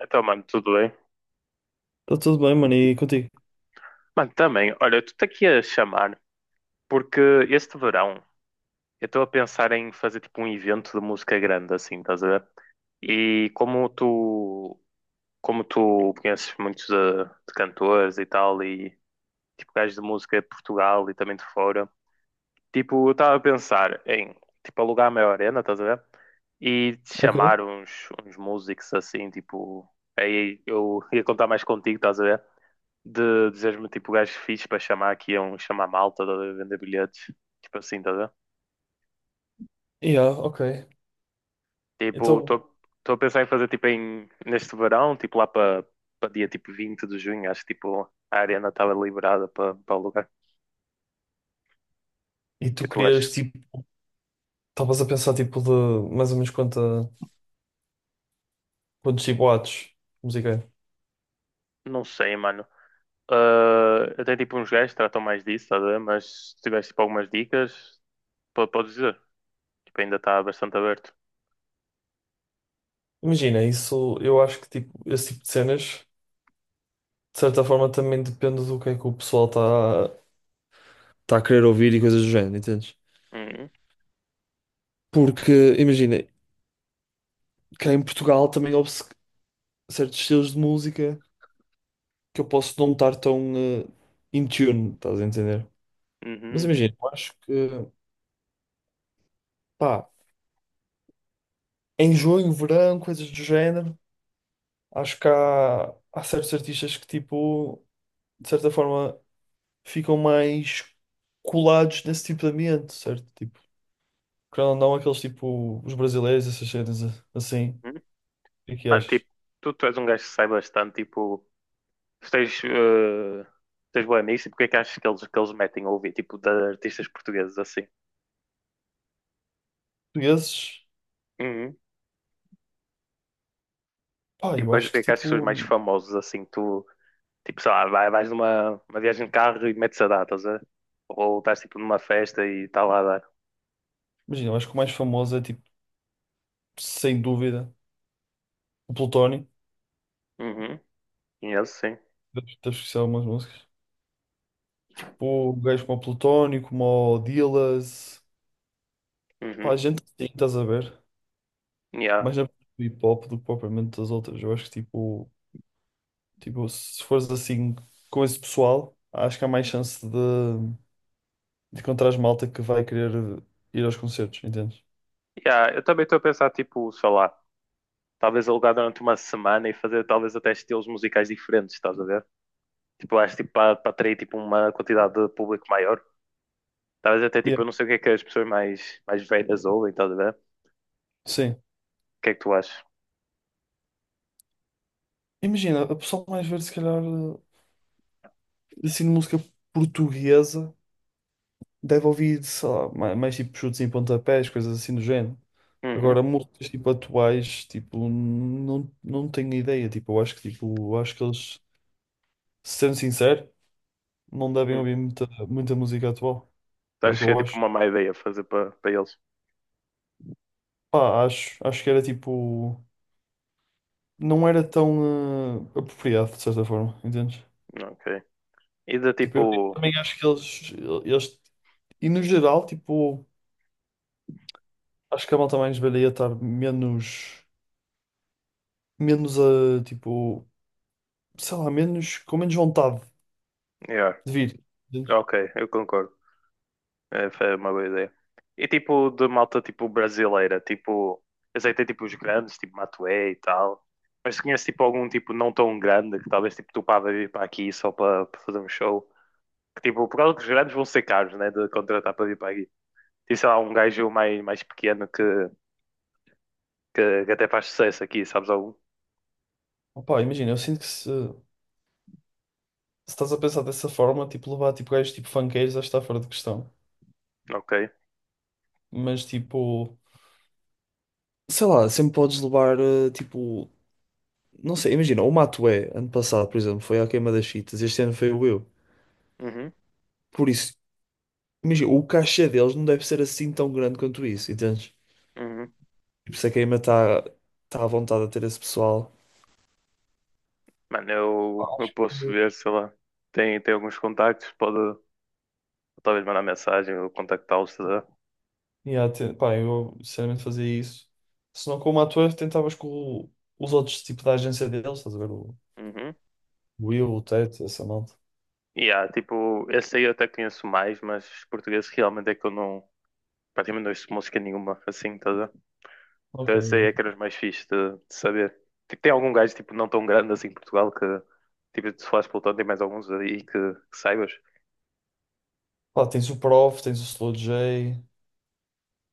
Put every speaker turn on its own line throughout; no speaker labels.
Então, mano, tudo bem?
Está tudo bem, mano, e contigo?
Mano, também, olha, eu estou aqui a chamar porque este verão eu estou a pensar em fazer tipo um evento de música grande, assim, estás a ver? E como tu conheces muitos de cantores e tal, e tipo gajos de música de Portugal e também de fora, tipo, eu estava a pensar em tipo alugar uma arena, estás a ver? E chamar
Ok.
uns músicos assim, tipo, aí eu ia contar mais contigo, estás a ver? De dizeres-me tipo gajo fixe para chamar aqui a um chamar malta, tá a ver, vender bilhetes, tipo assim, tá a ver?
Yeah, ok.
Tipo,
Então,
estou a pensar em fazer tipo em, neste verão, tipo lá para dia tipo 20 de junho, acho que tipo a arena estava liberada para o lugar. O
e
que é
tu
tu achas?
querias, tipo, estavas a pensar, tipo, de mais ou menos quantos tipo, watts de música é?
Não sei, mano. Ah, até tipo uns gajos que tratam mais disso, tá a ver? Mas se tiveres tipo algumas dicas, podes dizer. Tipo, ainda está bastante aberto.
Imagina, isso, eu acho que, tipo, esse tipo de cenas, de certa forma, também depende do que é que o pessoal está tá a querer ouvir e coisas do género, entendes?
Uhum,
Porque, imagina, cá em Portugal também houve certos estilos de música que eu posso não estar tão in tune, estás a entender?
uhum,
Mas
uhum,
imagina, eu acho que, pá. Em junho, verão, coisas do género. Acho que há certos artistas que, tipo, de certa forma, ficam mais colados nesse tipo de ambiente, certo? Tipo, querendo ou não, aqueles tipo, os brasileiros, essas cenas assim.
uhum.
O que é que
Mano,
achas?
tipo, tu és um gajo que sai bastante, tipo. Se tens, tens boa nisso, e porque é que achas que eles metem a ouvir, tipo, de artistas portugueses assim?
Portugueses,
Uhum.
pá,
Tipo,
eu
quais é
acho
que
que,
achas que são os mais
tipo,
famosos assim? Tu, tipo, sei lá, vais numa uma viagem de carro e metes a dar, estás a ver? Ou estás tipo numa festa e está lá a dar.
imagina, eu acho que o mais famoso é, tipo, sem dúvida, o Plutónio.
Uhum. Conheço, sim.
Deves conhecer algumas músicas. Tipo, gajos como o Plutónio, como o Dillaz, pá,
Uhum.
gente assim, estás a ver?
Yeah.
Mais a hip hop do que propriamente das outras. Eu acho que tipo, se fores assim com esse pessoal, acho que há mais chance de encontrares malta que vai querer ir aos concertos, entendes?
Yeah. Eu também estou a pensar, tipo, sei lá, talvez alugar durante uma semana e fazer talvez até estilos musicais diferentes, estás a ver? Tipo, acho tipo para atrair tipo, uma quantidade de público maior. Talvez até
Yeah.
tipo, eu não sei o que é que as pessoas mais velhas ouvem, estás a ver? O
Sim.
que é que tu achas?
Imagina, a pessoa mais velha, se calhar, assim, de música portuguesa, deve ouvir, sei lá, mais tipo chutes em pontapés, coisas assim do género.
Uhum.
Agora, músicas tipo atuais, tipo, não tenho ideia. Tipo, eu acho que, tipo, eu acho que eles, sendo sincero, não devem
Hum.
ouvir muita música atual.
Tu
É o que
achas que é
eu
tipo
acho.
uma má ideia fazer para eles?
Pá, acho, acho que era tipo. Não era tão apropriado, de certa forma, entendes?
Ok. E de
Tipo,
tipo.
eu também acho que eles. E no geral, tipo. Acho que a malta mais velha ia estar menos. Menos a. Tipo. Sei lá, menos. Com menos vontade
Yeah.
de vir, entendes?
Ok, eu concordo. É, foi uma boa ideia. E tipo de malta tipo brasileira, tipo. Eu sei que tem tipo os grandes, tipo Matuê e tal. Mas se conheces tipo algum tipo não tão grande que talvez tipo tu pá vai vir para aqui só para fazer um show. Que tipo, por causa que os grandes vão ser caros, né? De contratar para vir para aqui. Tem sei lá um gajo mais pequeno que que até faz sucesso aqui, sabes algo.
Opá, imagina, eu sinto que se estás a pensar dessa forma, tipo, levar tipo gajos tipo funkeiros, acho que está fora de questão.
Ok.
Mas tipo. Sei lá, sempre podes levar tipo. Não sei, imagina, o Matué, ano passado, por exemplo, foi à queima das fitas, este ano foi o eu.
Uhum,
Por isso, imagina, o cachê deles não deve ser assim tão grande quanto isso, entendes?
uhum.
E por isso a queima está tá à vontade a ter esse pessoal.
Mano, eu posso
Eh,
ver, sei lá. Tem alguns contactos, pode talvez mandar mensagem ou contactá-los, tá?
Yeah, pá, eu sinceramente fazia isso. Se não com o ator, tentavas com o- os outros tipo da agência deles, estás a ver? O
Uhum.
Will, o Ted, essa malta.
E há, tipo, esse aí eu até conheço mais, mas português realmente é que eu não, praticamente não ouço música nenhuma, assim, tá a ver?
Ok,
Então esse aí
yeah.
é que era os mais fixe de saber. Tipo, tem algum gajo, tipo, não tão grande assim em Portugal que, tipo, se falares pelotão, tem mais alguns aí que saibas.
Pá, tens o Prof, tens o Slow J,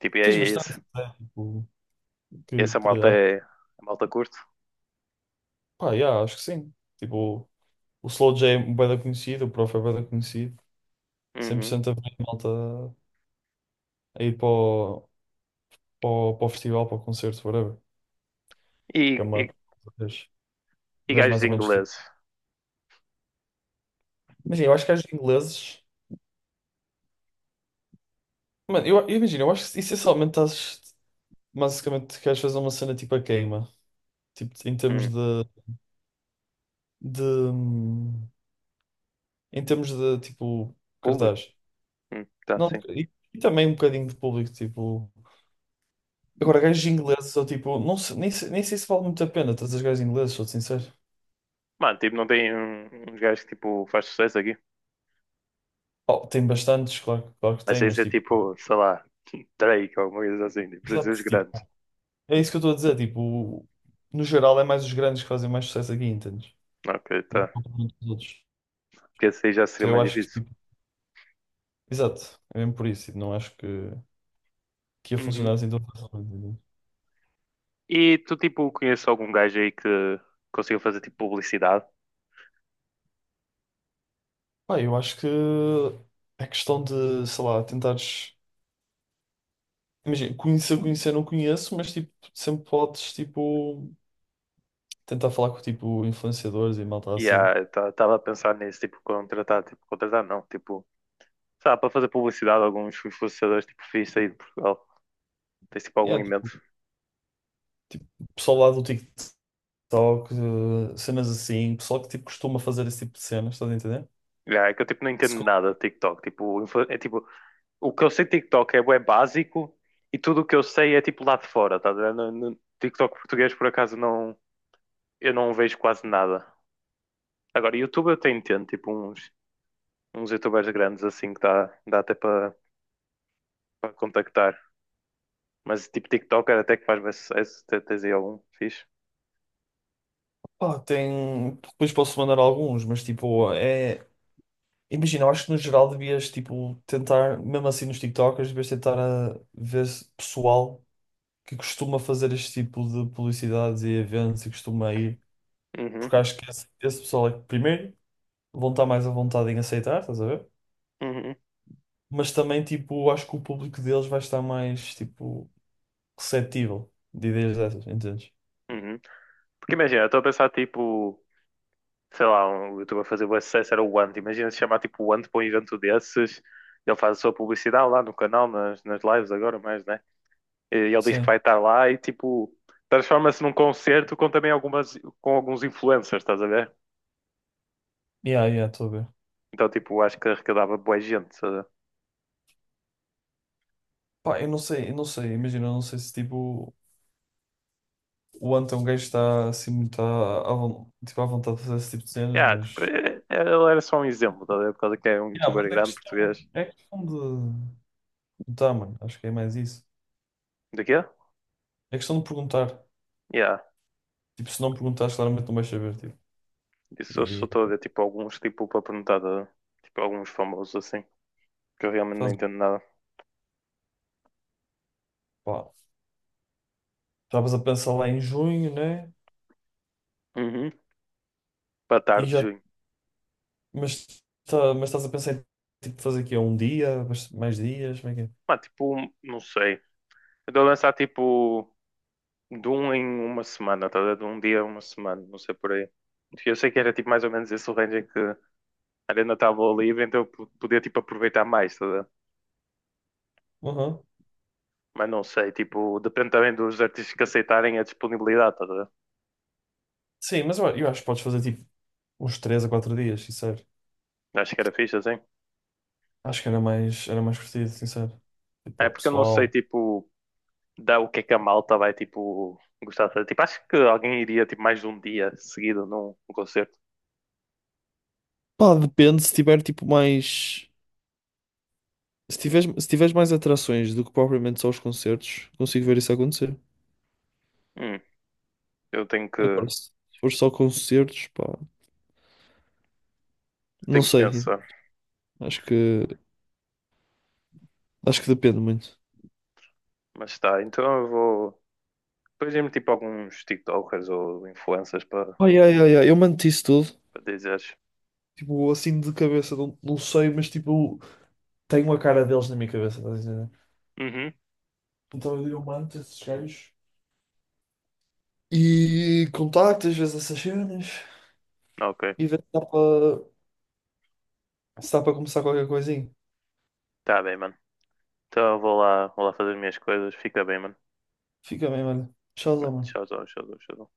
Tipo, e
tens
é
bastante,
esse,
né? Tipo, que,
essa
que
malta
acho,
é, a malta curto.
pá, yeah, acho que sim. Tipo, o Slow J é bué da conhecido, o Prof é bué da conhecido. 100% a ver malta a ir para o, para o, para o festival, para o concerto, whatever. Que é
E,
uma
e,
vez,
e
vez
gajos
mais ou menos tipo.
ingleses.
Imagina, eu acho que as ingleses. Mano, eu imagino, eu acho que essencialmente estás. Basicamente, queres fazer uma cena tipo a queima. Tipo, em termos
Hum,
de. Em termos de, tipo,
público.
cartaz.
Tá,
Não,
sim.
e também um bocadinho de público, tipo. Agora, gajos ingleses, ou tipo, não sei- nem, sei- nem sei se vale muito a pena trazer gajos ingleses, sou sincero.
Mano, tipo, não tem uns gajos que tipo, faz sucesso aqui.
Oh, tem bastantes, claro, claro que
Mas
tem,
isso
mas
é
tipo, pá,
tipo, sei lá, Drake ou alguma coisa assim. Tipo, precisa os
exato,
grandes.
tipo, é isso que eu estou a dizer, tipo, no geral é mais os grandes que fazem mais sucesso aqui, entendes?
Ok,
Não é
tá.
propriamente os outros.
Porque esse aí já seria
Então eu
mais
acho que,
difícil.
tipo, exato, é mesmo por isso, tipo, não acho que ia funcionar
Uhum.
assim tão facilmente, entende?
E tu, tipo, conheces algum gajo aí que consiga fazer tipo publicidade?
Pá, eu acho que é questão de, sei lá, tentares, imagina, conhecer, conhecer não conheço, mas, tipo, sempre podes, tipo, tentar falar com, tipo, influenciadores e malta
E
assim.
ah, estava a pensar nisso, tipo, contratar não, tipo. Sei lá, para fazer publicidade a alguns influenciadores tipo fixe aí de Portugal. Tem tipo algum
Yeah, tipo,
invento.
pessoal lá do TikTok. Só que cenas assim, pessoal que tipo costuma fazer esse tipo de cenas, estás a entender?
É que eu tipo não entendo
Se co-
nada de TikTok. Tipo, é tipo, o que eu sei de TikTok é, bué básico e tudo o que eu sei é tipo lá de fora, tá a ver? No TikTok português por acaso não, eu não vejo quase nada. Agora, YouTube eu até entendo, tipo uns youtubers grandes assim que dá até para contactar. Mas tipo TikTok era até que faz bué sucesso, até tens aí algum fixe.
pá, tem. Depois posso mandar alguns, mas tipo, é. Imagina, eu acho que no geral devias tipo tentar, mesmo assim nos TikTokers, devias tentar ver pessoal que costuma fazer este tipo de publicidades e eventos e costuma ir, porque
Uhum,
acho que esse pessoal é que primeiro vão estar mais à vontade em aceitar, estás a ver?
uhum,
Mas também tipo, acho que o público deles vai estar mais tipo receptível de ideias dessas, entendes?
uhum. Porque imagina, eu estou a pensar tipo sei lá, um youtuber a fazer o sucesso era o Ant. Imagina se chamar tipo o Ant para um evento desses. Ele faz a sua publicidade lá no canal, nas lives agora, mais, né? E ele diz que
Sim.
vai estar lá e tipo transforma-se num concerto com também algumas com alguns influencers, estás a ver?
Yeah, yeah, estou a ver.
Então tipo, acho que arrecadava boa gente, estás a ver?
Pá, eu não sei, imagina, eu não sei se tipo o Ant é um gajo que está assim muito à tipo, à vontade de fazer esse tipo de cenas,
Yeah, tipo,
mas.
ele era só um exemplo, estás a ver? Por causa que é um
Yeah,
youtuber
mas
grande português.
é questão de. Tá, mano, acho que é mais isso.
De quê?
É questão de perguntar.
Yeah.
Tipo, se não perguntares, claramente não vais saber, tipo.
Isso eu só
E
estou a ver tipo alguns tipo para perguntar de, tipo alguns famosos assim, que eu realmente não
faz,
entendo nada.
pá, estavas a pensar lá em junho, né?
Uhum. Para
E
tarde de
já.
junho.
Mas, tá, mas estás a pensar em tipo, fazer aqui um dia, mais dias, como é que é?
Pá, tipo, não sei. Eu dou a lançar tipo de um em uma semana, tá a ver? De um dia a uma semana, não sei por aí. Eu sei que era tipo mais ou menos esse o range em que a arena estava livre, então eu podia tipo aproveitar mais, tá a ver?
Uhum.
Mas não sei, tipo, depende também dos artistas que aceitarem a disponibilidade, tá a ver?
Sim, mas eu acho que podes fazer tipo uns 3 a 4 dias, sincero.
Acho que era fixe assim.
Acho que era mais curtido, sincero. Tipo,
É
ao
porque eu não sei,
pessoal.
tipo, dá o que é que a malta vai, tipo, gostar de fazer. Tipo, acho que alguém iria, tipo, mais de um dia seguido num concerto.
Pá, depende se tiver tipo mais. Se tiveres, se tiveres mais atrações do que propriamente só os concertos, consigo ver isso acontecer.
Hum, eu tenho que,
Agora, se for só concertos, pá, não
tenho que
sei.
pensar.
Acho que, acho que depende muito.
Mas tá, então eu vou. Depois me tipo alguns TikTokers ou influencers para
Ai, ai, ai, ai, eu mando isso tudo.
para dizeres.
Tipo, assim de cabeça, não sei, mas tipo, tenho a cara deles na minha cabeça, estás a entender?
Uhum,
Então eu mando esses gajos e contacto às vezes essas cenas
ok.
e ver se dá para. Se dá para começar qualquer coisinha,
Tá bem, mano. Então eu vou lá fazer as minhas coisas. Fica bem, mano.
fica bem, olha. Tchauzão,
Mano,
mano.
tchauzão, tchauzão, tchauzão.